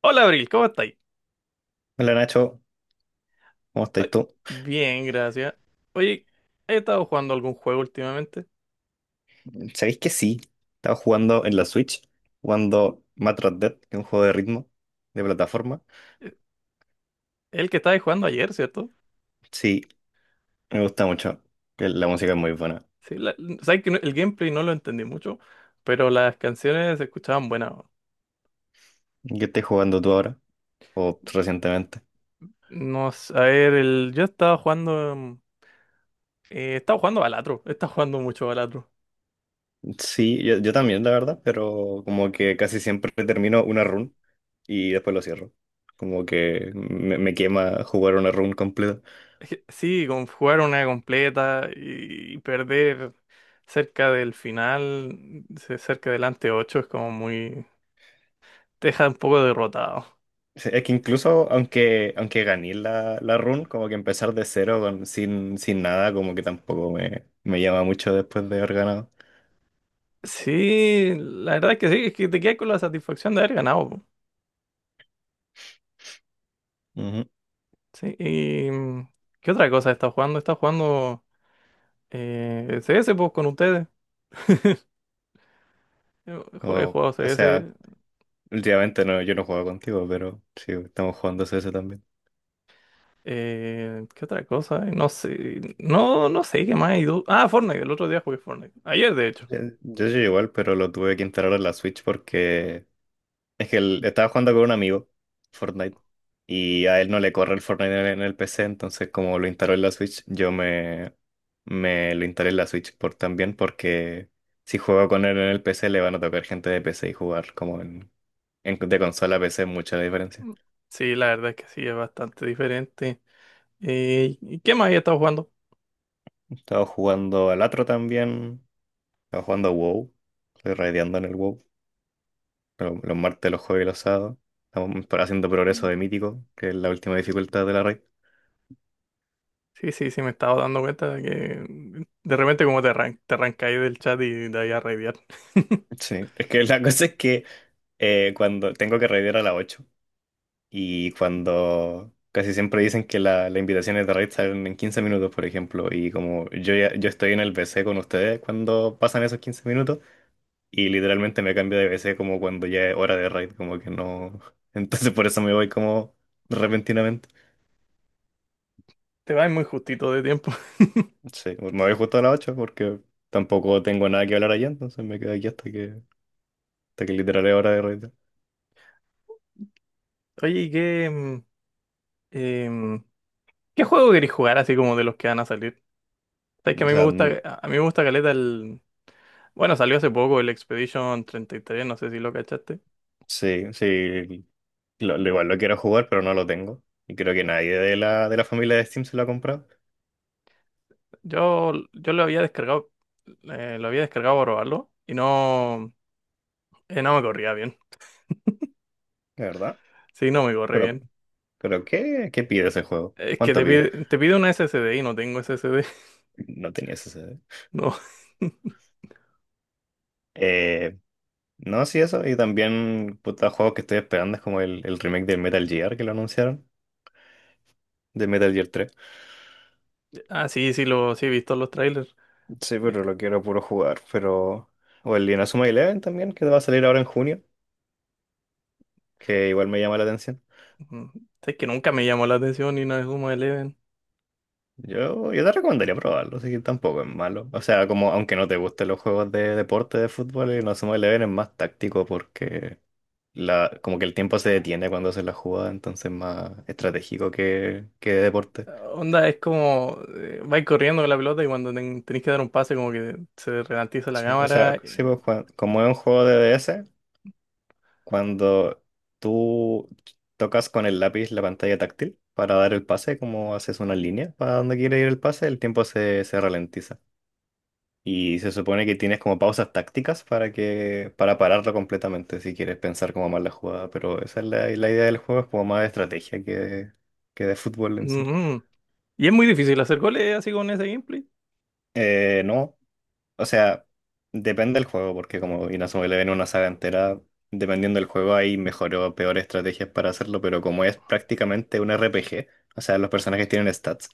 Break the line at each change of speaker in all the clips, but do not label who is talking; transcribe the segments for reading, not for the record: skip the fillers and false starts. Hola Abril, ¿cómo estáis?
Hola Nacho, ¿cómo
Ay,
estáis tú?
bien, gracias. Oye, ¿he estado jugando algún juego últimamente?
¿Sabéis que sí? Estaba jugando en la Switch, jugando Metroid Dead, que es un juego de ritmo, de plataforma.
Eh, El que estabais jugando ayer, ¿cierto?
Sí, me gusta mucho, que la música es muy buena.
Sí, sabes que el gameplay no lo entendí mucho, pero las canciones se escuchaban buenas.
¿Qué estás jugando tú ahora? ¿O recientemente?
No sé, a ver, el, yo estaba jugando. Estaba jugando Balatro, estaba jugando mucho Balatro.
Sí, yo también, la verdad, pero como que casi siempre termino una run y después lo cierro. Como que me quema jugar una run completa.
Es que sí, con jugar una completa y perder cerca del final, cerca del ante 8 es como muy. Te deja un poco derrotado.
Sí, es que incluso aunque gané la run, como que empezar de cero con, sin, nada, como que tampoco me llama mucho después de haber ganado.
Sí, la verdad es que sí, es que te quedas con la satisfacción de haber ganado. Po.
Ujú.
Sí, y ¿qué otra cosa estás jugando? Estás jugando CS pues, con ustedes. He
Como-
jugado
o sea,
CS.
últimamente no, yo no juego contigo, pero sí, estamos jugando CS también.
Eh, ¿qué otra cosa? No sé. No, no sé qué más. Ah, Fortnite, el otro día jugué Fortnite. Ayer, de hecho.
Yo soy igual, pero lo tuve que instalar en la Switch porque es que él estaba jugando con un amigo, Fortnite, y a él no le corre el Fortnite en el PC, entonces como lo instaló en la Switch, me lo instalé en la Switch por también, porque si juego con él en el PC le van a tocar gente de PC y jugar como de consola a PC es mucha la diferencia.
Sí, la verdad es que sí, es bastante diferente. ¿Y qué más he estado jugando?
Estaba jugando al otro también, estaba jugando a WoW, estoy raideando en el WoW, los martes, los jueves y los sábados. Estamos haciendo progreso de mítico, que es la última dificultad de la raid.
Sí, sí, sí, me estaba dando cuenta de que de repente como te arrancáis del chat y de ahí a raidear.
Sí, es que la cosa es que cuando tengo que raidear a las 8 y cuando casi siempre dicen que las invitaciones de raid salen en 15 minutos, por ejemplo, y como yo estoy en el BC con ustedes cuando pasan esos 15 minutos y literalmente me cambio de BC como cuando ya es hora de raid, como que no. Entonces por eso me voy como repentinamente.
Te vas muy justito de tiempo.
Sí, me voy justo a las 8 porque tampoco tengo nada que hablar allá, entonces me quedo aquí hasta que literal es hora de raid.
Oye, ¿y qué, em, qué juego querés jugar así como de los que van a salir? Sabes que a
O
mí me
sea,
gusta, a mí me gusta caleta el... Bueno, salió hace poco el Expedition treinta y tres, no sé si lo cachaste.
sí, Lo igual lo quiero jugar, pero no lo tengo. Y creo que nadie de la familia de Steam se lo ha comprado,
Yo lo había descargado para probarlo y no, no me corría bien.
de verdad.
Sí, no me corre
Pero,
bien.
pero ¿qué, pide ese juego?
Es que
¿Cuánto pide?
te pide una SSD y no tengo SSD.
No tenía ese C D.
No.
Eh, no, sí, eso. Y también, puta, juegos que estoy esperando es como el remake del Metal Gear que lo anunciaron, de Metal Gear 3.
Ah, sí, sí, lo, sí he visto los trailers.
Sí,
Eh,
pero lo quiero puro jugar. Pero. O el Inazuma Eleven también, que va a salir ahora en junio, que igual me llama la atención.
mm, sabes que nunca me llamó la atención ni una Sumo de
Yo te recomendaría probarlo, así que tampoco es malo. O sea, como aunque no te gusten los juegos de deporte de fútbol, el Inazuma Eleven es más táctico porque como que el tiempo se detiene cuando haces la jugada, entonces es más estratégico que de deporte.
onda. Es como, vais corriendo con la pelota y cuando tenéis que dar un pase como que se ralentiza la
Sí, o
cámara.
sea, sí, pues, como es un juego de DS, cuando tú tocas con el lápiz la pantalla táctil para dar el pase, como haces una línea para donde quiere ir el pase, el tiempo se ralentiza. Y se supone que tienes como pausas tácticas para pararlo completamente si quieres pensar como más la jugada, pero esa es la idea del juego, es como más de estrategia que de fútbol en sí.
Ujú. Y es muy difícil hacer goles así con ese gameplay.
No, o sea, depende del juego, porque como Inazuma Eleven es una saga entera, dependiendo del juego hay mejor o peor estrategias para hacerlo, pero como es prácticamente un RPG, o sea, los personajes tienen stats,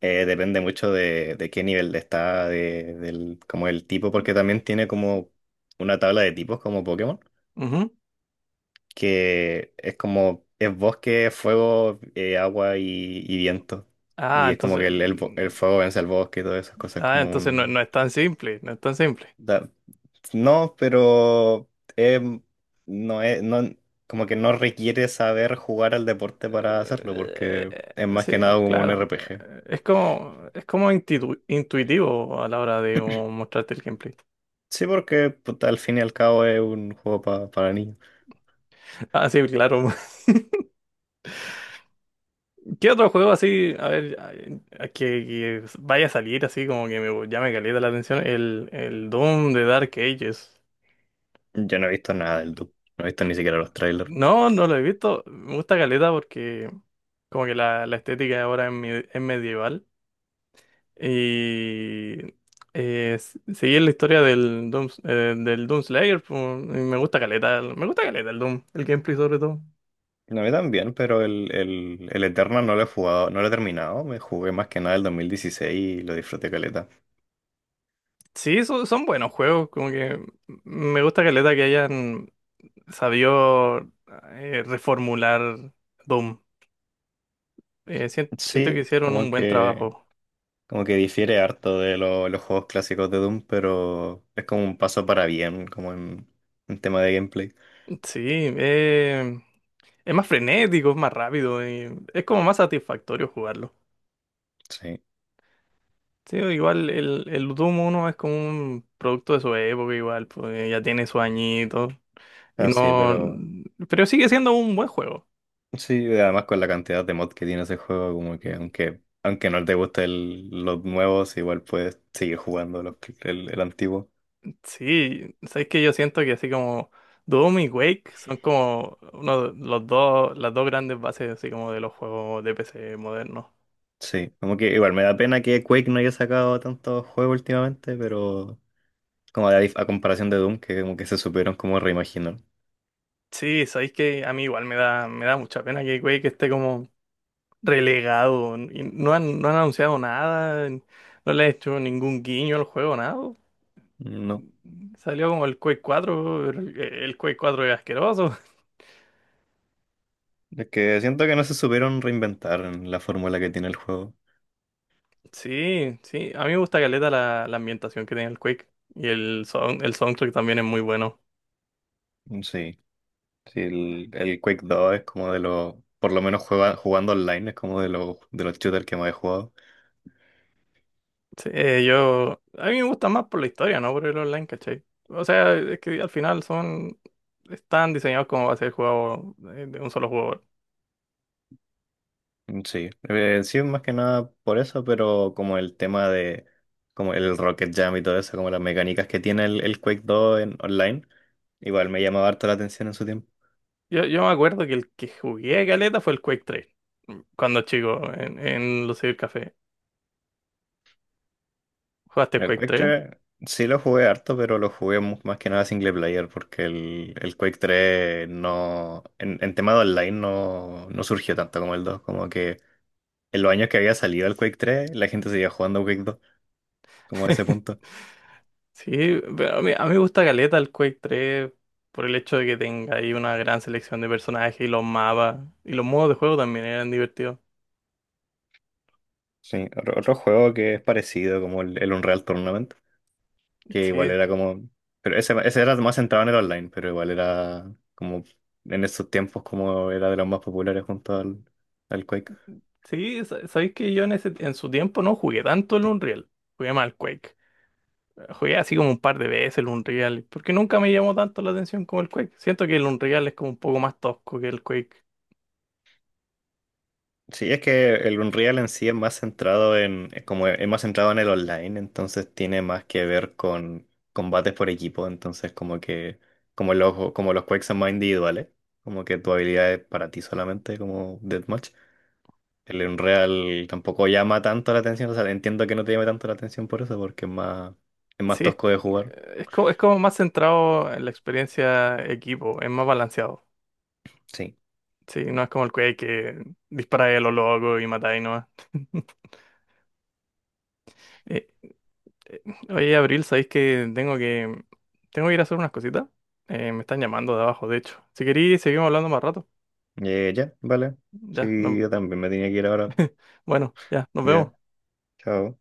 depende mucho de qué nivel está, como el tipo, porque también tiene como una tabla de tipos como Pokémon.
Ujú.
Que es como, es bosque, fuego, agua y viento.
Ah,
Y es como
entonces,
que el fuego vence al bosque y todas esas cosas
ah,
como
entonces no,
un.
no es tan simple, no es tan simple.
da- no, pero em, no no, como que no requiere saber jugar al deporte para hacerlo, porque es más que nada
Sí,
como un
claro.
RPG.
Es como intuitivo a la hora de, como, mostrarte el gameplay.
Sí, porque puta, al fin y al cabo es un juego para niños.
Ah, sí, claro, ¿qué otro juego así, a ver, que vaya a salir así como que me llame caleta la atención? El Doom de Dark Ages.
Yo no he visto nada del Doom, no he visto ni siquiera los trailers.
No, no lo he visto. Me gusta caleta porque como que la estética ahora es medieval. Y seguir la historia del Doom Slayer, pues, y me gusta caleta, me gusta caleta el Doom, el gameplay sobre todo.
No, a mí también, pero el Eternal no lo he jugado, no lo he terminado. Me jugué más que nada el 2016 y lo disfruté caleta.
Sí, son, son buenos juegos, como que me gusta caleta que hayan sabió reformular Doom. Siento que
Sí,
hicieron un buen trabajo.
como que difiere harto de los juegos clásicos de Doom, pero es como un paso para bien, como en tema de gameplay.
Sí, eh, es más frenético, es más rápido, y es como más satisfactorio jugarlo.
Sí,
Sí, igual el Doom uno es como un producto de su época, igual, pues ya tiene su añito. Y
así,
no.
pero
Pero sigue siendo un buen juego.
sí, además con la cantidad de mods que tiene ese juego, como que aunque no te gusten los nuevos, igual puedes seguir jugando el antiguo.
Sí, sabes que yo siento que así como Doom y Quake son como uno de los dos, las dos grandes bases así como de los juegos de PC modernos.
Sí, como que igual me da pena que Quake no haya sacado tantos juegos últimamente, pero como a comparación de Doom, que como que se supieron como reimaginar.
Sí, sabéis que a mí igual me da mucha pena que Quake esté como relegado y no han, no han anunciado nada, no le han hecho ningún guiño al juego, nada.
No,
Salió como el Quake 4, el Quake cuatro es asqueroso.
es que siento que no se supieron reinventar en la fórmula que tiene el juego.
Sí, sí, a mí me gusta caleta la, la ambientación que tiene el Quake y el, el soundtrack también es muy bueno.
Sí, sí, el Quake 2 es como de los, por lo menos jugando online, es como de los shooters que más he jugado.
Sí, yo, a mí me gusta más por la historia, ¿no? Por el online, ¿cachai? O sea, es que al final son, están diseñados como va a ser el juego de un solo jugador.
Mm, sí, sí, más que nada por eso, pero como el tema de como el Rocket Jam y todo eso, como las mecánicas que tiene el Quake dos en online, igual me llamaba harto la atención en su tiempo.
Yo me acuerdo que el que jugué caleta fue el Quake 3, cuando chico, en los Café. ¿Jugaste
El
Quake
Quake
3?
tres sí lo jugué harto, pero lo jugué más que nada single player, porque el Quake tres no, en tema de online no, no surgió tanto como el 2, como que en los años que había salido el Quake tres la gente seguía jugando Quake dos, como a ese punto.
Sí, pero a mí me gusta caleta el Quake 3 por el hecho de que tenga ahí una gran selección de personajes y los mapas y los modos de juego también eran divertidos.
Sí, otro juego que es parecido, como el Unreal Tournament. Que igual
Sí,
era como, pero ese era más centrado en el online, pero igual era como en esos tiempos como era de los más populares junto al Quake.
sí, sabéis que yo en, ese, en su tiempo no jugué tanto el Unreal, jugué más el Quake. Jugué así como un par de veces el Unreal, porque nunca me llamó tanto la atención como el Quake. Siento que el Unreal es como un poco más tosco que el Quake.
Sí, es que el Unreal en sí es más centrado en, es como es más centrado en el online, entonces tiene más que ver con combates por equipo, entonces como los Quakes son más individuales, como que tu habilidad es para ti solamente, como Deathmatch. El Unreal tampoco llama tanto la atención, o sea, entiendo que no te llame tanto la atención por eso, porque es más
Sí, es,
tosco de jugar.
es como más centrado en la experiencia equipo, es más balanceado.
Sí.
Sí, no es como el Quake que disparáis a lo loco y matáis nomás. Eh, eh, oye, Abril, sabéis que tengo que tengo que ir a hacer unas cositas. Me están llamando de abajo, de hecho. Si queréis, seguimos hablando más rato.
Ya, vale.
Ya,
Sí,
no-
yo también me tenía que ir ahora.
bueno, ya, nos
Ya,
vemos.
chao.